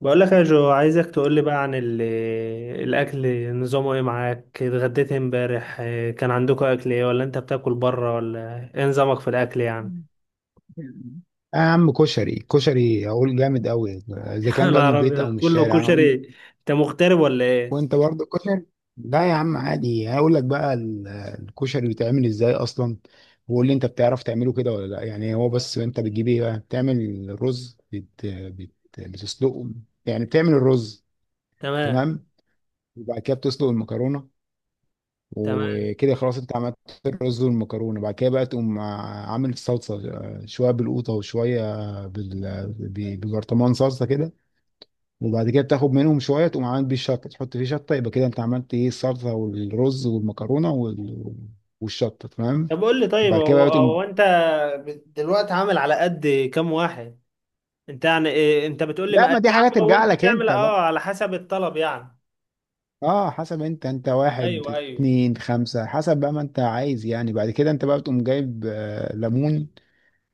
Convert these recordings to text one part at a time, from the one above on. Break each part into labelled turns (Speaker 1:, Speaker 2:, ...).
Speaker 1: بقول لك يا جو، عايزك تقول لي بقى عن الاكل، نظامه ايه؟ معاك اتغديت إيه امبارح؟ كان عندكم اكل ايه، ولا انت بتاكل بره، ولا ايه نظامك في الاكل يعني؟
Speaker 2: يا عم، كشري كشري اقول جامد قوي، اذا كان بقى
Speaker 1: انا
Speaker 2: من البيت
Speaker 1: عربي
Speaker 2: او من
Speaker 1: كله
Speaker 2: الشارع انا اقول.
Speaker 1: كشري. انت مغترب ولا ايه؟
Speaker 2: وانت برضه كشري. لا يا عم عادي، هقول لك بقى الكشري بيتعمل ازاي اصلا. وقول لي انت بتعرف تعمله كده ولا لا يعني. هو بس انت بتجيب ايه بقى؟ بتعمل رز، بتسلقه، يعني بتعمل الرز.
Speaker 1: تمام،
Speaker 2: تمام. وبعد كده بتسلق المكرونه،
Speaker 1: تمام.
Speaker 2: وكده خلاص انت عملت الرز والمكرونه. بعد كده بقى تقوم عامل الصلصه، شويه بالقوطه وشويه ببرطمان صلصه كده. وبعد كده بتاخد منهم شويه، تقوم عامل بيه الشطه، تحط فيه شطه، يبقى كده انت عملت ايه، الصلصه والرز والمكرونه والشطه. تمام.
Speaker 1: طب قول لي، طيب
Speaker 2: وبعد كده
Speaker 1: هو
Speaker 2: بقى تقوم.
Speaker 1: هو انت دلوقتي عامل على قد كام واحد؟ انت يعني إيه؟ انت بتقول لي
Speaker 2: لا، ما
Speaker 1: مقادير
Speaker 2: دي حاجه
Speaker 1: عامه
Speaker 2: ترجع
Speaker 1: وانت
Speaker 2: لك
Speaker 1: تعمل
Speaker 2: انت بقى.
Speaker 1: اه على حسب الطلب يعني؟
Speaker 2: اه، حسب، انت واحد
Speaker 1: ايوه ايوه.
Speaker 2: اتنين خمسة، حسب بقى ما انت عايز يعني. بعد كده انت بقى بتقوم جايب ليمون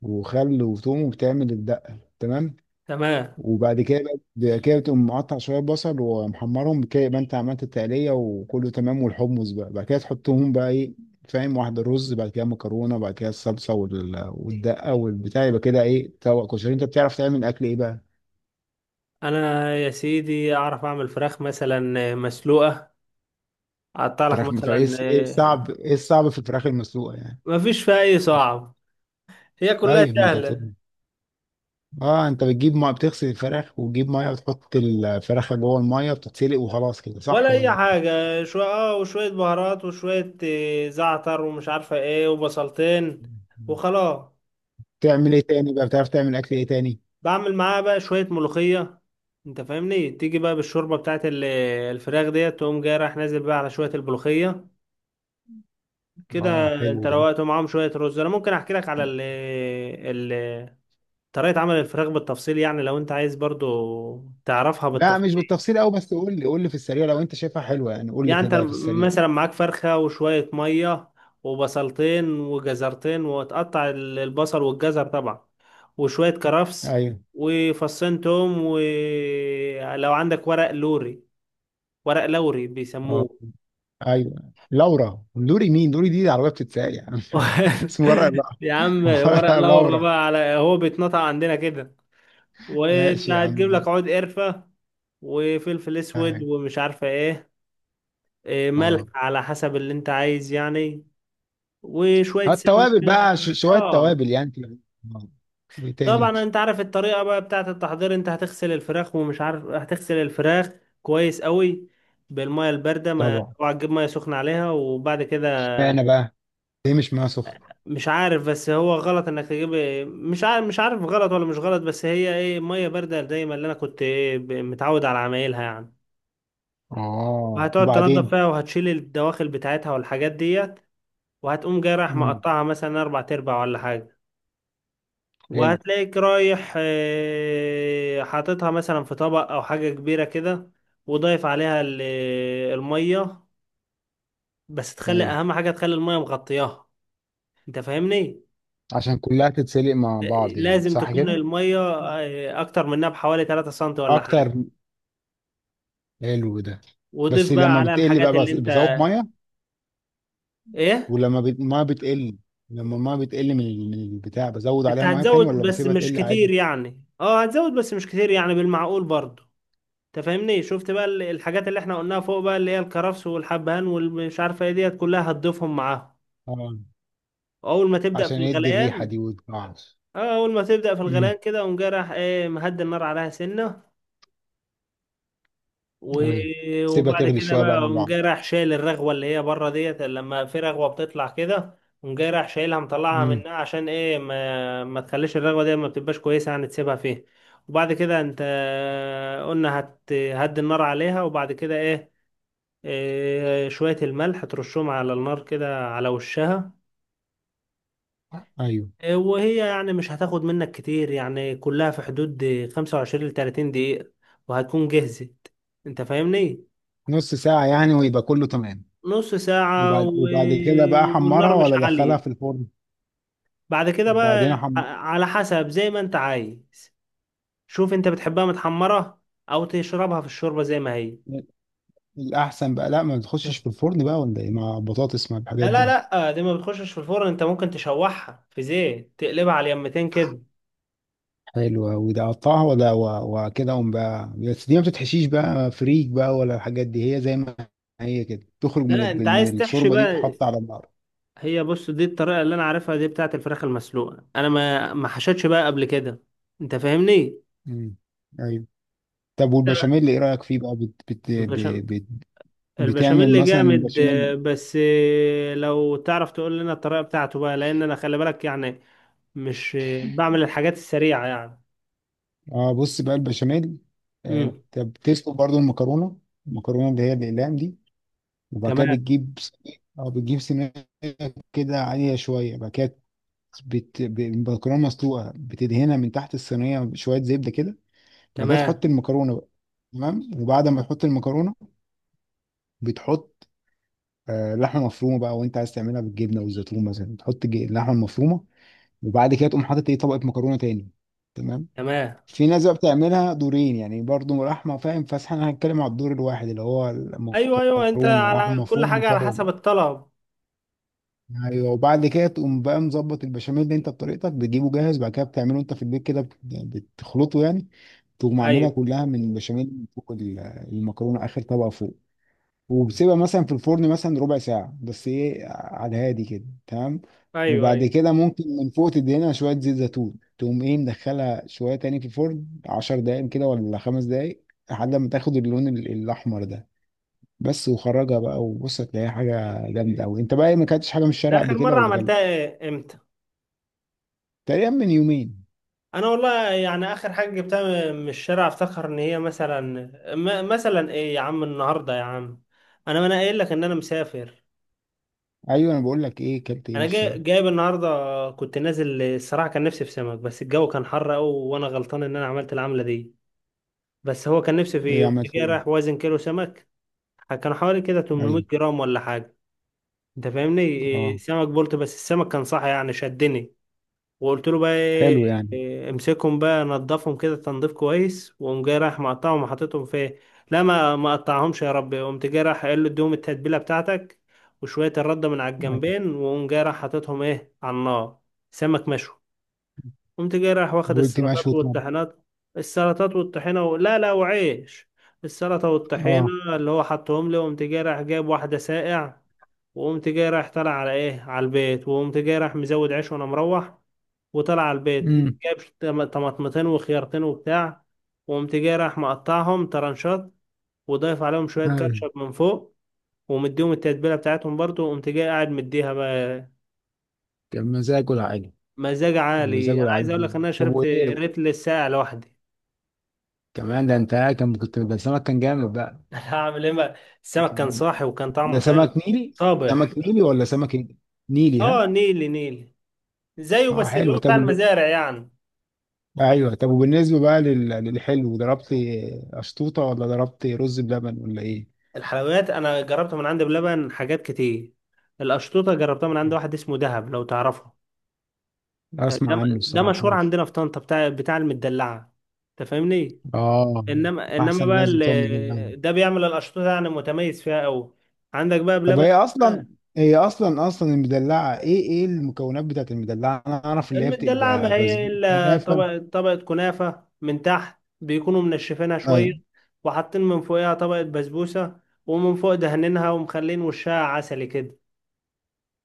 Speaker 2: وخل وثوم، وبتعمل الدقة. تمام.
Speaker 1: تمام.
Speaker 2: وبعد كده بعد كده تقوم مقطع شويه بصل ومحمرهم كده، يبقى انت عملت التقليه وكله تمام. والحمص بقى بعد كده تحطهم بقى، ايه فاهم؟ واحده رز، بعد كده مكرونه، بعد كده الصلصه والدقه والبتاع. يبقى كده ايه، طبق كشري. انت بتعرف تعمل اكل ايه بقى؟
Speaker 1: انا يا سيدي اعرف اعمل فراخ مثلا مسلوقه، حاطه لك
Speaker 2: فراخ
Speaker 1: مثلا
Speaker 2: ايه الصعب في الفراخ المسلوقه يعني؟
Speaker 1: ما فيش فيها اي صعب، هي كلها
Speaker 2: طيب ما انت
Speaker 1: سهله.
Speaker 2: بتقول. اه، انت بتجيب ميه، بتغسل الفراخ، وتجيب ميه، وتحط الفراخ جوه الميه، بتتسلق وخلاص كده،
Speaker 1: ولا
Speaker 2: صح
Speaker 1: اي
Speaker 2: ولا؟
Speaker 1: حاجه، شويه اه وشويه بهارات وشويه، زعتر ومش عارفه ايه وبصلتين وخلاص.
Speaker 2: تعمل ايه تاني بقى؟ بتعرف تعمل اكل ايه تاني؟
Speaker 1: بعمل معاها بقى شويه ملوخيه. انت فاهمني؟ تيجي بقى بالشوربه بتاعت الفراخ ديت، تقوم جاي رايح نازل بقى على شويه الملوخيه. كده
Speaker 2: اه،
Speaker 1: انت
Speaker 2: حلو ده.
Speaker 1: روقت معاهم شويه رز. انا ممكن احكي لك على ال طريقه عمل الفراخ بالتفصيل، يعني لو انت عايز برضو تعرفها
Speaker 2: لا، مش
Speaker 1: بالتفصيل.
Speaker 2: بالتفصيل قوي، بس قول لي قول لي في السريع، لو انت شايفها حلوه يعني، قول لي
Speaker 1: يعني انت
Speaker 2: كده في السريع.
Speaker 1: مثلا معاك فرخة وشوية مية وبصلتين وجزرتين، وتقطع البصل والجزر طبعا، وشوية كرفس
Speaker 2: ايوه.
Speaker 1: وفصين توم، ولو عندك ورق لوري، ورق لوري
Speaker 2: اه،
Speaker 1: بيسموه.
Speaker 2: ايوه. لورا، لوري مين؟ لوري دي عربيه بتتساق يا عم. اسمه ورا لا،
Speaker 1: يا عم ورق
Speaker 2: ورا
Speaker 1: لورا
Speaker 2: لورا.
Speaker 1: بقى، على هو بيتنطق عندنا كده. وانت
Speaker 2: ماشي يا
Speaker 1: هتجيب
Speaker 2: عم.
Speaker 1: لك عود قرفة وفلفل
Speaker 2: أيوة.
Speaker 1: اسود ومش عارفة ايه، ملح
Speaker 2: اه.
Speaker 1: على حسب اللي انت عايز يعني، وشوية سمنة.
Speaker 2: التوابل بقى، شويه
Speaker 1: اه.
Speaker 2: توابل يعني كده. آه. ايه تاني؟
Speaker 1: طبعا انت عارف الطريقه بقى بتاعه التحضير، انت هتغسل الفراخ ومش عارف، هتغسل الفراخ كويس قوي بالميه البارده، ما
Speaker 2: طبعا.
Speaker 1: اوعى تجيب ميه سخنه عليها. وبعد كده
Speaker 2: اشمعنى بقى؟ ليه مش معاها سخن؟
Speaker 1: مش عارف، بس هو غلط انك تجيب، مش عارف مش عارف غلط ولا مش غلط، بس هي ايه، ميه بارده دايما اللي انا كنت ايه متعود على عمايلها يعني.
Speaker 2: اه،
Speaker 1: وهتقعد تنضف
Speaker 2: وبعدين؟
Speaker 1: فيها، وهتشيل الدواخل بتاعتها والحاجات ديت، وهتقوم جاي رايح
Speaker 2: امم.
Speaker 1: مقطعها مثلا اربع تربع ولا حاجه.
Speaker 2: حلو.
Speaker 1: وهتلاقيك رايح حاططها مثلا في طبق او حاجة كبيرة كده، وضايف عليها المية. بس تخلي
Speaker 2: ايوه،
Speaker 1: اهم حاجة، تخلي المية مغطياها. انت فاهمني؟
Speaker 2: عشان كلها تتسلق مع
Speaker 1: آه،
Speaker 2: بعض يعني،
Speaker 1: لازم
Speaker 2: صح
Speaker 1: تكون
Speaker 2: كده؟
Speaker 1: المية اكتر منها بحوالي 3 سم ولا حاجة.
Speaker 2: اكتر. حلو ده.
Speaker 1: وضيف
Speaker 2: بس
Speaker 1: بقى
Speaker 2: لما
Speaker 1: عليها
Speaker 2: بتقل بقى،
Speaker 1: الحاجات اللي انت،
Speaker 2: بزود ميه.
Speaker 1: ايه؟
Speaker 2: ولما الميه بتقل، لما الميه بتقل من البتاع، بزود
Speaker 1: انت
Speaker 2: عليها ميه تاني
Speaker 1: هتزود
Speaker 2: ولا
Speaker 1: بس
Speaker 2: بسيبها
Speaker 1: مش
Speaker 2: تقل عادي؟
Speaker 1: كتير يعني، اه هتزود بس مش كتير يعني، بالمعقول برضه. انت فاهمني؟ شفت بقى الحاجات اللي احنا قلناها فوق بقى، اللي هي الكرفس والحبهان والمش عارفة ايه ديت، كلها هتضيفهم معاهم
Speaker 2: اه.
Speaker 1: اول ما تبدا في
Speaker 2: عشان يدي الريحه
Speaker 1: الغليان.
Speaker 2: دي وتقعش.
Speaker 1: اه اول ما تبدا في
Speaker 2: امم.
Speaker 1: الغليان كده، قوم جاي راح ايه، مهدي النار عليها سنه و...
Speaker 2: ايوه، سيبها
Speaker 1: وبعد
Speaker 2: تغلي
Speaker 1: كده
Speaker 2: شويه
Speaker 1: بقى
Speaker 2: بقى مع
Speaker 1: قوم
Speaker 2: بعض.
Speaker 1: جاي راح شايل الرغوه اللي هي بره ديت، لما في رغوه بتطلع كده، قوم جاي راح شايلها مطلعها
Speaker 2: امم.
Speaker 1: منها، عشان ايه ما تخليش الرغوه دي، ما بتبقاش كويسه يعني تسيبها فيه. وبعد كده انت قلنا هت هدي النار عليها، وبعد كده ايه، شويه الملح ترشهم على النار كده على وشها.
Speaker 2: ايوه،
Speaker 1: وهي يعني مش هتاخد منك كتير يعني، كلها في حدود 25 ل 30 دقيقة وهتكون جهزت. انت فاهمني؟
Speaker 2: نص ساعه يعني ويبقى كله تمام.
Speaker 1: نص ساعة
Speaker 2: وبعد وبعد كده بقى
Speaker 1: والنار
Speaker 2: حمرها
Speaker 1: مش
Speaker 2: ولا دخلها في
Speaker 1: عالية.
Speaker 2: الفرن؟
Speaker 1: بعد كده بقى
Speaker 2: وبعدين
Speaker 1: على حسب زي ما انت عايز. شوف انت بتحبها متحمرة، او تشربها في الشوربة زي ما هي.
Speaker 2: الاحسن بقى، لا ما بتخشش في الفرن بقى ولا ايه، مع بطاطس مع
Speaker 1: لا
Speaker 2: الحاجات
Speaker 1: لا
Speaker 2: دي؟
Speaker 1: لا، دي ما بتخشش في الفرن، انت ممكن تشوحها في زيت تقلبها على اليمتين كده.
Speaker 2: حلو أوي ده، قطعها ولا وكده قوم بقى. بس دي ما بتتحشيش بقى، فريك بقى ولا الحاجات دي، هي زي ما هي كده تخرج
Speaker 1: لا انت
Speaker 2: من
Speaker 1: عايز تحشي
Speaker 2: الشوربة دي
Speaker 1: بقى،
Speaker 2: تحط على النار؟
Speaker 1: هي بص، دي الطريقة اللي أنا عارفها دي، بتاعة الفراخ المسلوقة، أنا ما حشتش بقى قبل كده. أنت فاهمني؟
Speaker 2: مم. ايوه. طب والبشاميل ايه رأيك فيه بقى، بت بت ب-
Speaker 1: البشاميل.
Speaker 2: بت بتعمل
Speaker 1: البشاميل
Speaker 2: مثلا
Speaker 1: جامد
Speaker 2: بشاميل؟
Speaker 1: بس لو تعرف تقول لنا الطريقة بتاعته بقى، لأن أنا خلي بالك يعني، مش بعمل الحاجات السريعة يعني.
Speaker 2: اه، بص بقى البشاميل.
Speaker 1: امم.
Speaker 2: انت بتسلق برضو المكرونة، المكرونة اللي هي الأقلام دي، وبعد كده
Speaker 1: تمام.
Speaker 2: بتجيب سميد كده، عالية شوية. بعد كده المكرونة مسلوقة، بتدهنها من تحت الصينية بشوية زبدة كده. بعد كده
Speaker 1: تمام.
Speaker 2: تحط المكرونه بقى. تمام. وبعد ما تحط المكرونه، بتحط لحمه مفرومه بقى، وانت عايز تعملها بالجبنه والزيتون مثلا، تحط اللحمه المفرومه، وبعد كده تقوم حاطط ايه، طبقه مكرونه تاني. تمام.
Speaker 1: تمام.
Speaker 2: في ناس بقى بتعملها دورين يعني، برضو لحمه، فاهم؟ بس احنا هنتكلم على الدور الواحد، اللي هو
Speaker 1: أيوه أيوه، أنت
Speaker 2: المكرونه
Speaker 1: على
Speaker 2: لحمه
Speaker 1: كل
Speaker 2: مفرومه
Speaker 1: حاجة على
Speaker 2: مكرونه.
Speaker 1: حسب الطلب.
Speaker 2: ايوه. وبعد كده تقوم بقى مظبط البشاميل، اللي انت بطريقتك بتجيبه جاهز، بعد كده بتعمله انت في البيت كده، بتخلطه يعني. تقوم عاملها
Speaker 1: أيوه
Speaker 2: كلها من بشاميل فوق المكرونه، اخر طبقه فوق. وبسيبها مثلا في الفرن مثلا ربع ساعة، بس ايه على الهادي كده. تمام.
Speaker 1: أيوه. أيوه.
Speaker 2: وبعد كده ممكن من فوق تدهنها شوية زيت زيتون، تقوم ايه مدخلها شوية تاني في الفرن عشر دقايق كده، ولا خمس دقايق، لحد ما تاخد اللون الأحمر ده. بس. وخرجها بقى وبص، هتلاقيها حاجة جامدة أوي. أنت بقى إيه، ما كلتش حاجة من الشارع قبل
Speaker 1: آخر
Speaker 2: كده
Speaker 1: مرة
Speaker 2: ولا
Speaker 1: عملتها
Speaker 2: كلت؟
Speaker 1: إيه؟ إمتى؟
Speaker 2: تقريبا من يومين.
Speaker 1: انا والله يعني اخر حاجه جبتها من الشارع، افتكر ان هي مثلا، مثلا ايه يا عم، النهارده يا عم، انا ما انا قايل لك ان انا مسافر.
Speaker 2: أيوه، أنا بقول لك إيه كلت إيه من
Speaker 1: انا جاي
Speaker 2: الشارع؟
Speaker 1: جايب النهارده، كنت نازل الصراحه، كان نفسي في سمك بس الجو كان حر قوي وانا غلطان ان انا عملت العمله دي. بس هو كان نفسي
Speaker 2: إيه
Speaker 1: فيه، قمت
Speaker 2: عملت
Speaker 1: جاي رايح
Speaker 2: إيه؟
Speaker 1: وازن كيلو سمك، كان حوالي كده 800
Speaker 2: أيوه.
Speaker 1: جرام ولا حاجه. انت فاهمني؟
Speaker 2: أه،
Speaker 1: سمك بولت، بس السمك كان صح يعني، شدني وقلت له بقى ايه،
Speaker 2: حلو يعني.
Speaker 1: امسكهم بقى نضفهم كده تنظيف كويس، وقوم جاي رايح مقطعهم وحاططهم في إيه؟ لا ما قطعهمش يا رب، قمت جاي رايح قايل له اديهم التتبيله بتاعتك وشويه الرده من على
Speaker 2: أيوه.
Speaker 1: الجنبين، وقوم جاي رايح حاططهم ايه على النار. سمك مشوي. قمت جاي رايح واخد
Speaker 2: قلت
Speaker 1: السلطات
Speaker 2: مشوي، طب.
Speaker 1: والطحينات، السلطات لا لا، وعيش، السلطه
Speaker 2: أه.
Speaker 1: والطحينه، اللي هو حطهم لي. وقمت جاي رايح جايب واحده ساقع، وقمت جاي رايح طالع على ايه، على البيت. وقمت جاي رايح مزود عيش وانا مروح، وطلع على البيت.
Speaker 2: أمم.
Speaker 1: جاب طماطمتين وخيارتين وبتاع، وقمت جاي راح مقطعهم طرنشات، وضايف عليهم شوية
Speaker 2: أيوه.
Speaker 1: كاتشب من فوق، ومديهم التتبيلة بتاعتهم برضو، وقمت جاي قاعد مديها بقى.
Speaker 2: كان مزاج ولا حاجة؟
Speaker 1: مزاج
Speaker 2: مزاجه
Speaker 1: عالي، انا عايز اقول
Speaker 2: العالمي.
Speaker 1: لك ان انا
Speaker 2: طب
Speaker 1: شربت
Speaker 2: وايه
Speaker 1: ريتل الساقع لوحدي.
Speaker 2: كمان؟ ده انت كان كنت، ده سمك كان جامد بقى.
Speaker 1: هعمل ايه بقى؟ السمك كان صاحي وكان
Speaker 2: ده
Speaker 1: طعمه حلو،
Speaker 2: سمك نيلي؟
Speaker 1: صابح.
Speaker 2: سمك نيلي ولا سمك ايه؟ نيلي،
Speaker 1: اه،
Speaker 2: ها؟
Speaker 1: نيلي نيلي، زيه
Speaker 2: اه،
Speaker 1: بس اللي
Speaker 2: حلو.
Speaker 1: هو
Speaker 2: طب
Speaker 1: بتاع المزارع يعني.
Speaker 2: ايوه طب، وبالنسبه بقى للحلو ضربت اشطوطه ولا ضربت رز بلبن ولا ايه؟
Speaker 1: الحلويات انا جربتها من عند بلبن حاجات كتير. القشطوطه جربتها من عند واحد اسمه دهب، لو تعرفه. ده
Speaker 2: اسمع عنه
Speaker 1: ده
Speaker 2: الصراحه
Speaker 1: مشهور
Speaker 2: بس.
Speaker 1: عندنا في طنطا، بتاع بتاع المدلعه. انت فاهمني؟
Speaker 2: اه.
Speaker 1: انما
Speaker 2: احسن
Speaker 1: بقى
Speaker 2: ناس بتوع المدلعه.
Speaker 1: ده بيعمل الاشطوطه يعني، متميز فيها قوي. عندك بقى
Speaker 2: طب
Speaker 1: بلبن.
Speaker 2: هي اصلا المدلعه ايه المكونات بتاعت المدلعه؟ انا اعرف اللي هي
Speaker 1: المدلعه
Speaker 2: بتبقى
Speaker 1: ما
Speaker 2: بس
Speaker 1: هي الا
Speaker 2: كنافه.
Speaker 1: طبقه، طبقه كنافه من تحت بيكونوا منشفينها شويه، وحاطين من فوقها طبقه بسبوسه، ومن فوق دهنينها ومخلين وشها عسلي كده.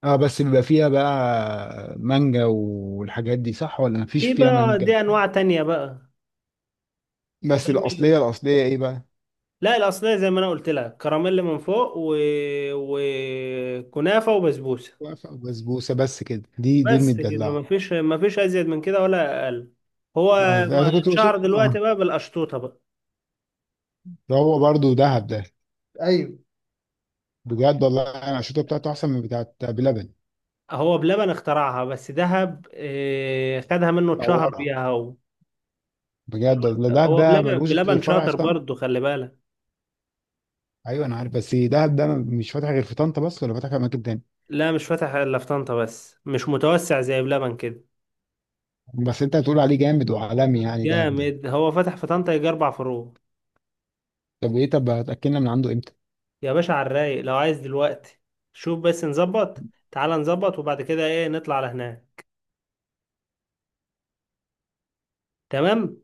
Speaker 2: اه، بس بيبقى فيها بقى مانجا والحاجات دي، صح ولا مفيش
Speaker 1: في
Speaker 2: فيها
Speaker 1: بقى
Speaker 2: مانجا؟
Speaker 1: دي انواع تانية بقى. انت
Speaker 2: بس الاصليه
Speaker 1: فاهمني؟
Speaker 2: الاصليه ايه بقى؟
Speaker 1: لا الاصليه زي ما انا قلت لك، كراميل من فوق وكنافه وبسبوسه،
Speaker 2: واقفه وبسبوسه بس كده، دي
Speaker 1: بس كده،
Speaker 2: المدلعه.
Speaker 1: مفيش مفيش ازيد من كده ولا اقل. هو
Speaker 2: اه،
Speaker 1: ما-
Speaker 2: انا كنت بشوف.
Speaker 1: اتشهر دلوقتي
Speaker 2: اه،
Speaker 1: بقى بالقشطوطه بقى.
Speaker 2: ده هو برضو دهب ده.
Speaker 1: ايوه.
Speaker 2: بجد والله، انا الشوطه بتاعته احسن من بتاعت بلبن.
Speaker 1: هو بلبن اخترعها، بس دهب خدها منه اتشهر
Speaker 2: طورها.
Speaker 1: بيها هو
Speaker 2: بجد والله
Speaker 1: دلوقتي.
Speaker 2: دهب
Speaker 1: هو
Speaker 2: ده
Speaker 1: بلبن
Speaker 2: ملوش غير
Speaker 1: بلبن
Speaker 2: فرع
Speaker 1: شاطر
Speaker 2: في طنطا.
Speaker 1: برضه، خلي بالك.
Speaker 2: ايوه انا عارف، بس دهب ده مش فاتح غير في طنطا بس، ولا فاتح في اماكن تاني؟
Speaker 1: لا مش فاتح الا في طنطا بس، مش متوسع زي بلبن كده.
Speaker 2: بس انت هتقول عليه جامد وعالمي يعني دهب ده؟
Speaker 1: جامد، هو فتح في طنطا يجي اربع فروع.
Speaker 2: طب ايه، طب هتاكلنا من عنده امتى؟
Speaker 1: يا باشا على الرايق، لو عايز دلوقتي شوف بس نظبط، تعال نظبط وبعد كده ايه نطلع على هناك. تمام.